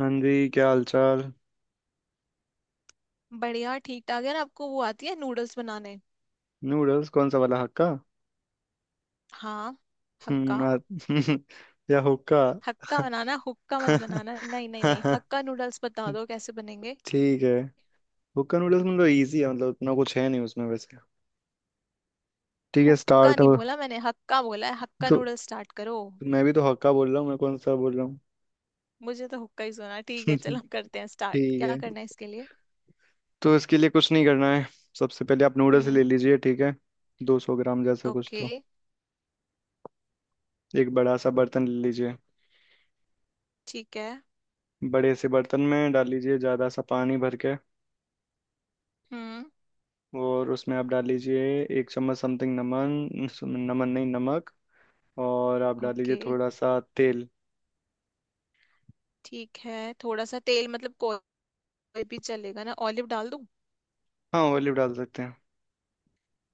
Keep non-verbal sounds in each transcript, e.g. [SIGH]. हाँ जी, क्या हाल चाल। बढ़िया ठीक ठाक है ना। आपको वो आती है नूडल्स बनाने? नूडल्स कौन सा वाला? हक्का। हाँ। हक्का हम्म। [LAUGHS] या हुक्का। हक्का बनाना, हुक्का मत बनाना। नहीं नहीं नहीं, [LAUGHS] हक्का नूडल्स बता दो कैसे बनेंगे। ठीक है। हुक्का नूडल्स मतलब इजी है, मतलब इतना कुछ है नहीं उसमें वैसे। ठीक है, हुक्का स्टार्ट नहीं हो। बोला मैंने, हक्का बोला है। हक्का तो नूडल्स स्टार्ट करो। मैं भी तो हक्का बोल रहा हूँ, मैं कौन सा बोल रहा हूँ? मुझे तो हुक्का ही सुना। ठीक है चलो [LAUGHS] हम ठीक करते हैं स्टार्ट, क्या है। करना है इसके लिए? तो इसके लिए कुछ नहीं करना है। सबसे पहले आप नूडल्स ले हम्म। लीजिए, ठीक है। 200 ग्राम जैसा कुछ ओके। तो। एक बड़ा सा बर्तन ले लीजिए। ठीक है। बड़े से बर्तन में डाल लीजिए ज़्यादा सा पानी भर के। हम्म। और उसमें आप डाल लीजिए 1 चम्मच समथिंग, नमन नमन नहीं, नमक। और आप डाल लीजिए ओके। थोड़ा सा तेल। ठीक है थोड़ा सा तेल मतलब कोई भी चलेगा ना? ऑलिव डाल दूं? हाँ, ऑलिव डाल सकते हैं।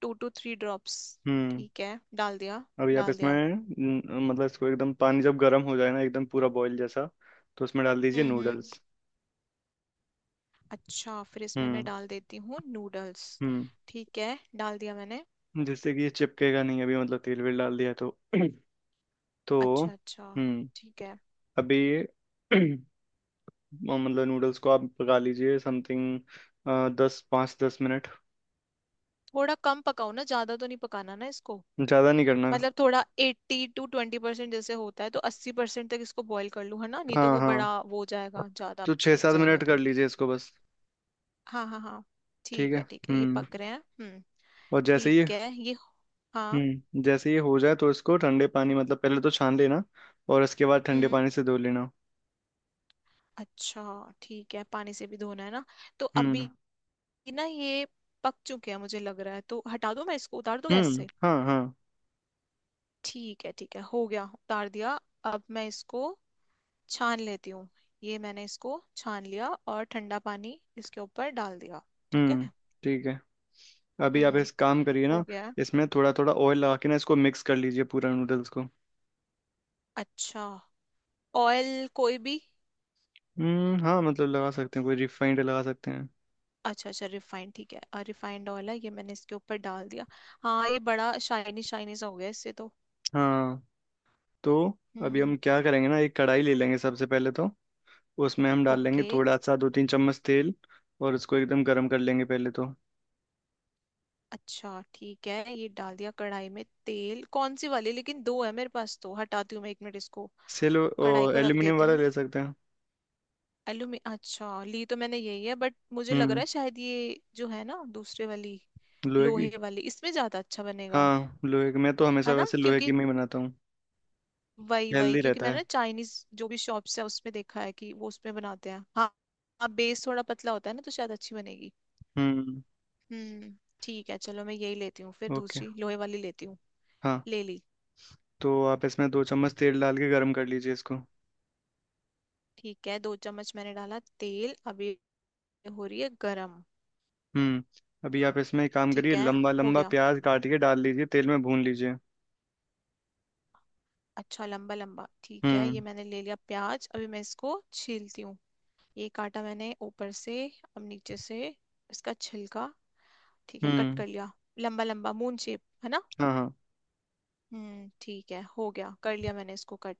Two two three drops. हम्म। ठीक है डाल दिया। अभी आप डाल इसमें दिया। मतलब इसको एकदम पानी जब गर्म हो जाए ना, एकदम पूरा बॉईल जैसा, तो उसमें डाल दीजिए हम्म। हम्म। नूडल्स। अच्छा फिर इसमें मैं हम्म डाल देती हूँ नूडल्स। हम्म। ठीक है डाल दिया मैंने। जिससे कि ये चिपकेगा नहीं, अभी मतलब तेल वेल डाल दिया तो [CLEARS THROAT] तो अच्छा अच्छा। हम्म। ठीक है। अभी ये [CLEARS THROAT] और मतलब नूडल्स को आप पका लीजिए समथिंग दस, पाँच दस मिनट। थोड़ा कम पकाओ ना, ज्यादा तो नहीं पकाना ना इसको। ज़्यादा नहीं करना। मतलब थोड़ा एट्टी टू ट्वेंटी परसेंट जैसे होता है, तो 80% तक इसको बॉईल कर लूँ है ना, नहीं तो हाँ वो हाँ। बड़ा वो हो जाएगा, ज्यादा तो छः पक सात जाएगा मिनट कर तो। लीजिए इसको बस। हाँ हाँ हाँ ठीक ठीक है, है ठीक है, ये हम्म। पक रहे हैं। और जैसे ही ठीक है ये। हाँ। हम्म जैसे ही हो जाए तो इसको ठंडे पानी मतलब पहले तो छान लेना, और इसके बाद ठंडे हम्म। पानी से धो लेना। अच्छा ठीक है, पानी से भी धोना है ना? तो हम्म अभी ना ये पक चुके हैं मुझे लग रहा है, तो हटा दूं मैं इसको, उतार दूं गैस हम्म। से। हाँ हाँ। ठीक है हो गया, उतार दिया। अब मैं इसको छान लेती हूँ। ये मैंने इसको छान लिया और ठंडा पानी इसके ऊपर डाल दिया। ठीक हम्म, है। ठीक है। अभी आप हम्म। इस काम करिए हो ना। गया है। इसमें थोड़ा थोड़ा ऑयल लगा के ना इसको मिक्स कर लीजिए पूरा नूडल्स को। अच्छा, ऑयल कोई भी? हाँ, मतलब लगा सकते हैं, कोई रिफाइंड लगा सकते हैं। अच्छा अच्छा रिफाइंड, ठीक है। रिफाइंड ऑयल है, ये मैंने इसके ऊपर डाल दिया। हाँ ये बड़ा शाइनी शाइनी सा हो गया इससे तो। हाँ। तो अभी हम हम्म। क्या करेंगे ना, एक कढ़ाई ले लेंगे सबसे पहले तो। उसमें हम डाल लेंगे ओके। थोड़ा सा, 2-3 चम्मच तेल। और उसको एकदम गर्म कर लेंगे पहले तो। अच्छा ठीक है, ये डाल दिया कढ़ाई में तेल, कौन सी वाली लेकिन? दो है मेरे पास, तो हटाती हूँ मैं एक मिनट इसको, सिल कढ़ाई को रख एल्यूमिनियम देती वाला हूँ। ले सकते हैं। एलुमी अच्छा ली तो मैंने, यही है, बट मुझे लग रहा हम्म, है शायद ये जो है ना दूसरे वाली लोहे की। लोहे वाली इसमें ज्यादा अच्छा बनेगा। हाँ लोहे की, मैं तो हमेशा है ना? वैसे लोहे की क्योंकि में ही बनाता हूँ। वही वही हेल्दी क्योंकि रहता मैंने है। ना चाइनीज जो भी शॉप्स है उसमें देखा है कि वो उसमें बनाते हैं। हाँ। हाँ बेस थोड़ा पतला होता है ना, तो शायद अच्छी बनेगी। हम्म, हम्म। ठीक है चलो मैं यही लेती हूँ, फिर ओके, दूसरी लोहे वाली लेती हूँ। हाँ। ले ली। तो आप इसमें 2 चम्मच तेल डाल के गर्म कर लीजिए इसको। ठीक है दो चम्मच मैंने डाला तेल, अभी हो रही है गरम। हम्म। अभी आप इसमें एक काम ठीक करिए, है लंबा हो लंबा गया। प्याज काट के डाल लीजिए, तेल में भून लीजिए। अच्छा लंबा लंबा ठीक है, ये हम्म मैंने ले लिया प्याज, अभी मैं इसको छीलती हूँ। ये काटा मैंने ऊपर से, अब नीचे से, इसका छिलका। ठीक है कट हम्म, कर लिया, लंबा लंबा मून शेप है ना। हाँ हाँ। ठीक है, हो गया, कर लिया मैंने इसको कट।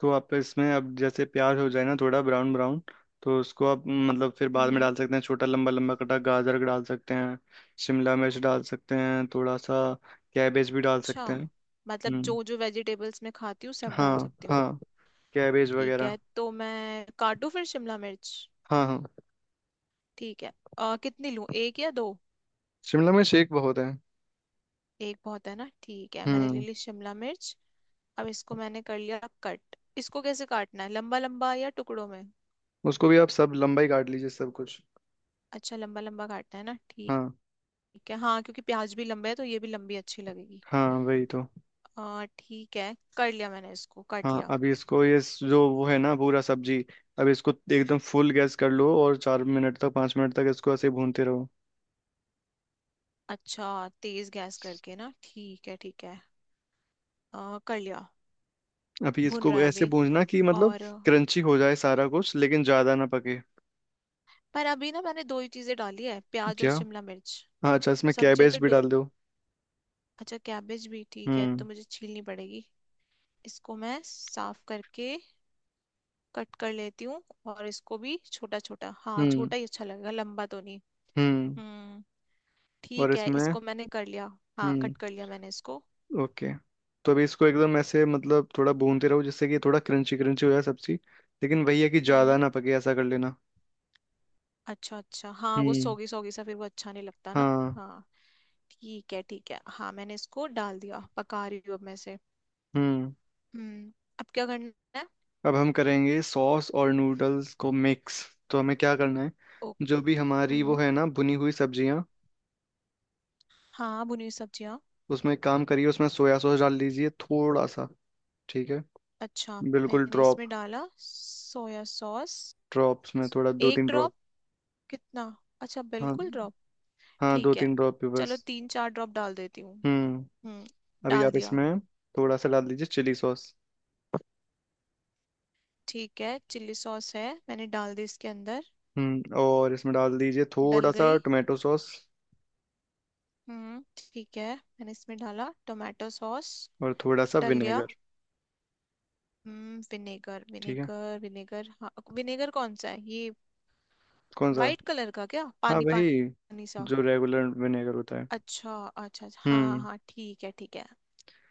तो आप इसमें अब जैसे प्याज हो जाए ना, थोड़ा ब्राउन ब्राउन, तो उसको आप मतलब फिर बाद में हम्म। डाल सकते हैं, छोटा लंबा लंबा कटा गाजर डाल सकते हैं। शिमला मिर्च डाल सकते हैं थोड़ा सा। कैबेज भी डाल अच्छा, सकते हैं। मतलब जो हम्म जो वेजिटेबल्स मैं खाती हूँ सब डाल हाँ सकती हूँ? हाँ, कैबेज ठीक वगैरह। है तो मैं काटूँ फिर शिमला मिर्च। हाँ हाँ। ठीक है। कितनी लूँ, एक या दो? शिमला मिर्च एक बहुत है। एक बहुत है ना, ठीक है, मैंने ले हम्म। ली शिमला मिर्च। अब इसको मैंने कर लिया कट, इसको कैसे काटना है, लंबा लंबा या टुकड़ों में? उसको भी आप सब लंबाई काट लीजिए, सब कुछ। अच्छा लंबा लंबा काटना है ना, ठीक। हाँ ठीक है हाँ, क्योंकि प्याज भी लंबे है तो ये भी लंबी अच्छी लगेगी। हाँ, वही तो। आ ठीक है कर लिया मैंने, इसको काट हाँ, लिया। अभी इसको ये जो वो है ना पूरा सब्जी। अब इसको एकदम फुल गैस कर लो और 4 मिनट तक, 5 मिनट तक इसको ऐसे भूनते रहो। अच्छा तेज गैस करके ना, ठीक है ठीक है। कर लिया। अभी भुन इसको रहा है ऐसे अभी, भूनना कि मतलब और? क्रंची हो जाए सारा कुछ, लेकिन ज्यादा ना पके। पर अभी ना मैंने दो ही चीजें डाली है, प्याज और क्या? शिमला मिर्च। हाँ अच्छा, इसमें सब्जियां कैबेज तो भी डाल दो। अच्छा कैबेज भी, ठीक है तो हम्म मुझे छीलनी पड़ेगी इसको, मैं साफ करके कट कर लेती हूँ। और इसको भी छोटा छोटा, हाँ हम्म छोटा ही अच्छा लगेगा लंबा तो नहीं। हम्म। हम्म। और ठीक है इसमें। इसको मैंने कर लिया। हाँ हम्म कट कर लिया मैंने इसको। ओके। तो अभी इसको एकदम ऐसे, मतलब थोड़ा भूनते रहो जिससे कि थोड़ा क्रंची क्रंची हो जाए सब्जी। लेकिन वही है कि ज्यादा हम्म। ना पके, ऐसा कर लेना। अच्छा अच्छा हाँ, वो हम्म सोगी सोगी सा फिर वो अच्छा नहीं लगता ना। हाँ हाँ ठीक है ठीक है, हाँ मैंने इसको डाल दिया, पका रही हूँ अब मैं से। हम्म। हम्म। अब क्या करना है? अब हम करेंगे सॉस और नूडल्स को मिक्स। तो हमें क्या करना है? ओ। जो भी हमारी वो हम्म है ना, भुनी हुई सब्जियां, हाँ, भुनी सब्जियाँ। उसमें एक काम करिए, उसमें सोया सॉस डाल दीजिए थोड़ा सा, ठीक है। अच्छा, बिल्कुल मैंने ड्रॉप। इसमें डाला सोया सॉस। ड्रॉप्स में, थोड़ा दो एक तीन ड्रॉप ड्रॉप? कितना? अच्छा हाँ बिल्कुल ड्रॉप। हाँ, दो ठीक है तीन ड्रॉप भी चलो बस। तीन चार ड्रॉप डाल देती हूँ। हम्म, हम्म। अभी डाल आप दिया। इसमें थोड़ा सा डाल दीजिए चिली सॉस। ठीक है चिल्ली सॉस है, मैंने डाल दी इसके अंदर। हम्म, और इसमें डाल दीजिए थोड़ा डल सा गई। टोमेटो सॉस ठीक है मैंने इसमें डाला टोमेटो सॉस। और थोड़ा सा डल गया। विनेगर। विनेगर ठीक है। विनेगर विनेगर हाँ। विनेगर कौन सा है ये? कौन सा? वाइट कलर का क्या, हाँ पानी वही, पानी सा? जो रेगुलर विनेगर होता है। अच्छा अच्छा अच्छा, हाँ हाँ हम्म हाँ ठीक है ठीक है।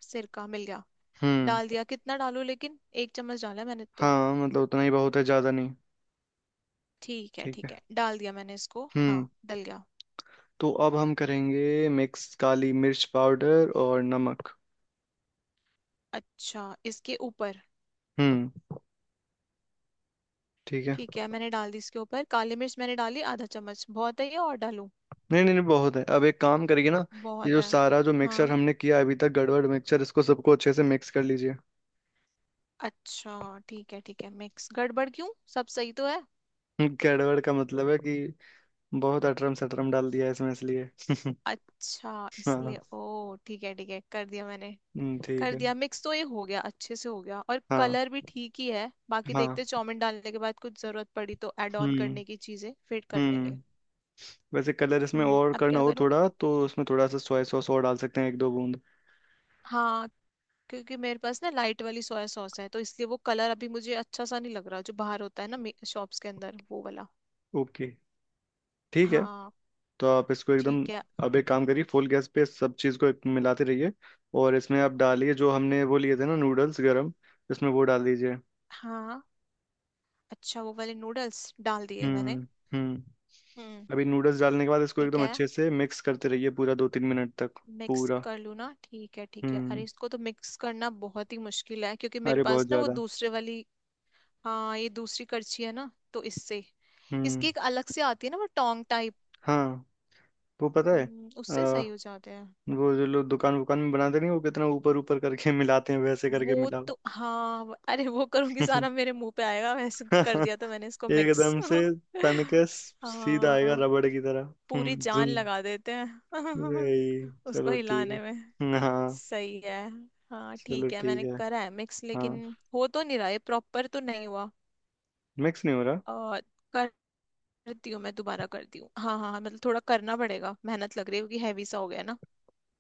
सिरका मिल गया। हम्म डाल दिया, कितना डालू लेकिन? एक चम्मच डाला मैंने तो। हाँ, मतलब उतना ही बहुत है, ज़्यादा नहीं। ठीक है, ठीक है डाल दिया मैंने इसको, हाँ हम्म। डल गया। तो अब हम करेंगे मिक्स काली मिर्च पाउडर और नमक। अच्छा इसके ऊपर? हम्म, ठीक है। ठीक है मैंने डाल दी इसके ऊपर, काली मिर्च मैंने डाली आधा चम्मच, बहुत है ये और डालूं? नहीं नहीं नहीं, बहुत है। अब एक काम करिए ना, ये बहुत जो है। सारा जो मिक्सर हाँ हमने किया अभी तक गड़बड़ मिक्सर, इसको सबको अच्छे से मिक्स कर लीजिए। अच्छा ठीक है मिक्स। गड़बड़ क्यों, सब सही तो है। [LAUGHS] गड़बड़ का मतलब है कि बहुत अटरम सटरम डाल दिया है इसमें, इसलिए। अच्छा हाँ। इसलिए, ओ ठीक है कर दिया मैंने। ठीक कर है। दिया मिक्स, तो ये हो गया, अच्छे से हो गया और हाँ कलर भी ठीक ही है, बाकी हाँ। देखते चाउमीन डालने के बाद कुछ जरूरत पड़ी तो ऐड ऑन हम्म करने की चीजें फिट कर लेंगे। हम्म। वैसे कलर इसमें और अब करना क्या हो करूं? थोड़ा, तो इसमें थोड़ा सा सोया सॉस और डाल सकते हैं, 1-2 बूंद। हाँ, क्योंकि मेरे पास ना लाइट वाली सोया सॉस है तो इसलिए वो कलर अभी मुझे अच्छा सा नहीं लग रहा जो बाहर होता है ना शॉप्स के अंदर वो वाला। ओके, ठीक है। हाँ। तो आप इसको एकदम, ठीक है। अब एक काम करिए, फुल गैस पे सब चीज़ को एक मिलाते रहिए। और इसमें आप डालिए जो हमने वो लिए थे ना नूडल्स गरम, इसमें वो डाल दीजिए। हाँ। अच्छा वो वाले नूडल्स डाल दिए मैंने। हम्म हम्म। हम्म। अभी नूडल्स डालने के बाद इसको ठीक एकदम है अच्छे से मिक्स करते रहिए पूरा, 2-3 मिनट तक। मिक्स पूरा। कर लूँ ना, ठीक है ठीक है। अरे हम्म, इसको तो मिक्स करना बहुत ही मुश्किल है क्योंकि मेरे अरे बहुत पास ना वो ज्यादा। दूसरे वाली, हाँ ये दूसरी करछी है ना तो इससे। हम्म इसकी एक अलग से आती है ना, वो टोंग टाइप। हाँ, वो पता है। उससे आ, सही हो जाते हैं। वो जो लोग दुकान वुकान में बनाते नहीं, वो कितना ऊपर ऊपर करके [LAUGHS] मिलाते हैं, वैसे करके वो मिलाओ। तो हाँ अरे वो करूंगी सारा मेरे मुंह पे आएगा वैसे, कर दिया तो [LAUGHS] मैंने इसको मिक्स। एकदम से तन के [LAUGHS] सीधा आएगा हाँ रबड़ की तरह, पूरी जान जुन। लगा देते हैं यही [LAUGHS] उसको चलो, ठीक है। हिलाने में। हाँ। सही है। हाँ चलो ठीक है ठीक मैंने है। करा है मिक्स हाँ, लेकिन हो तो नहीं रहा है, प्रॉपर तो नहीं हुआ। मिक्स नहीं हो रहा। आ, करती हूँ मैं, दोबारा करती हूँ, हाँ हाँ हाँ, मतलब थोड़ा करना पड़ेगा, मेहनत लग रही है क्योंकि हैवी सा हो गया ना।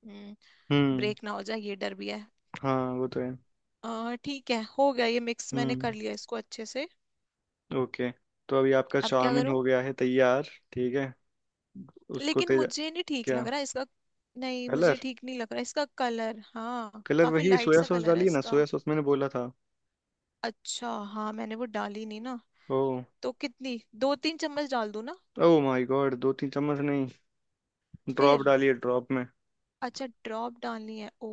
हम्म। हम्म ब्रेक ना हो जाए ये डर भी है। हाँ, वो तो है। ठीक है हो गया, ये मिक्स मैंने हम्म कर लिया इसको अच्छे से। ओके। तो अभी आपका अब क्या चाउमीन करूँ? हो गया है तैयार। ठीक है, उसको लेकिन तेज। मुझे नहीं ठीक क्या? लग रहा इसका, नहीं मुझे कलर, ठीक नहीं लग रहा इसका कलर, हाँ कलर काफी वही लाइट सोया सा सॉस कलर है डालिए ना, इसका। सोया सॉस मैंने बोला था। अच्छा हाँ मैंने वो डाली नहीं ना। ओ। तो कितनी, दो तीन चम्मच डाल दूँ ना? ओ माय गॉड, 2-3 चम्मच नहीं, ड्रॉप फिर डालिए, ड्रॉप में। अच्छा ड्रॉप डालनी है, ओ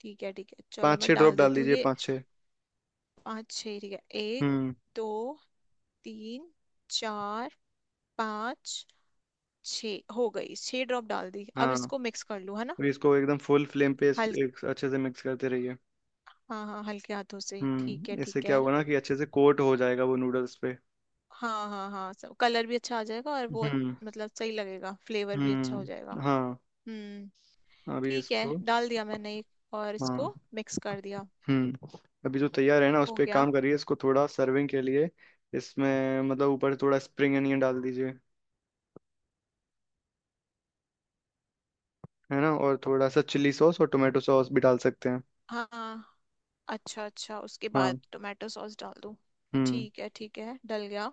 ठीक है चलो पाँच मैं छः ड्रॉप डाल डाल देती हूँ दीजिए, ये। 5-6। पाँच छः ठीक है। एक, हम्म दो, तीन, चार, पाँच, छः, हो गई, छः ड्रॉप डाल दी, अब हाँ। इसको मिक्स कर लूँ है ना? अभी इसको एकदम फुल फ्लेम पे इस, हल एक अच्छे से मिक्स करते रहिए। हाँ हाँ हल्के हाथों से, ठीक है हम्म, इससे ठीक क्या है। होगा ना कि अच्छे से कोट हो जाएगा वो नूडल्स पे। हाँ हाँ हाँ सब, कलर भी अच्छा आ जाएगा और वो हम्म मतलब सही लगेगा, फ्लेवर भी अच्छा हो जाएगा। हाँ। हम्म अभी ठीक है इसको, डाल दिया मैंने एक और, हाँ इसको मिक्स कर दिया। हम्म। अभी जो तैयार है ना, उस हो पर एक गया। काम करिए, इसको थोड़ा सर्विंग के लिए। इसमें मतलब ऊपर थोड़ा स्प्रिंग अनियन डाल दीजिए, है ना, और थोड़ा सा चिली सॉस और टोमेटो सॉस भी डाल सकते हैं। हाँ अच्छा अच्छा, उसके हाँ, बाद टोमेटो सॉस डाल दूँ? हम्म। ठीक है डल गया।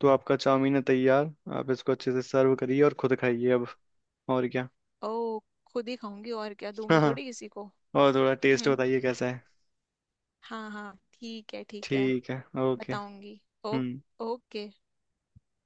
तो आपका चाउमीन है तैयार, आप इसको अच्छे से सर्व करिए और खुद खाइए अब, और क्या। ओ खुद ही खाऊंगी और क्या, [LAUGHS] दूंगी हाँ। थोड़ी किसी को? और थोड़ा टेस्ट बताइए हम्म। कैसा है। हाँ हाँ ठीक है ठीक है, ठीक है, ओके, बताऊंगी। ओ हम्म। ओके।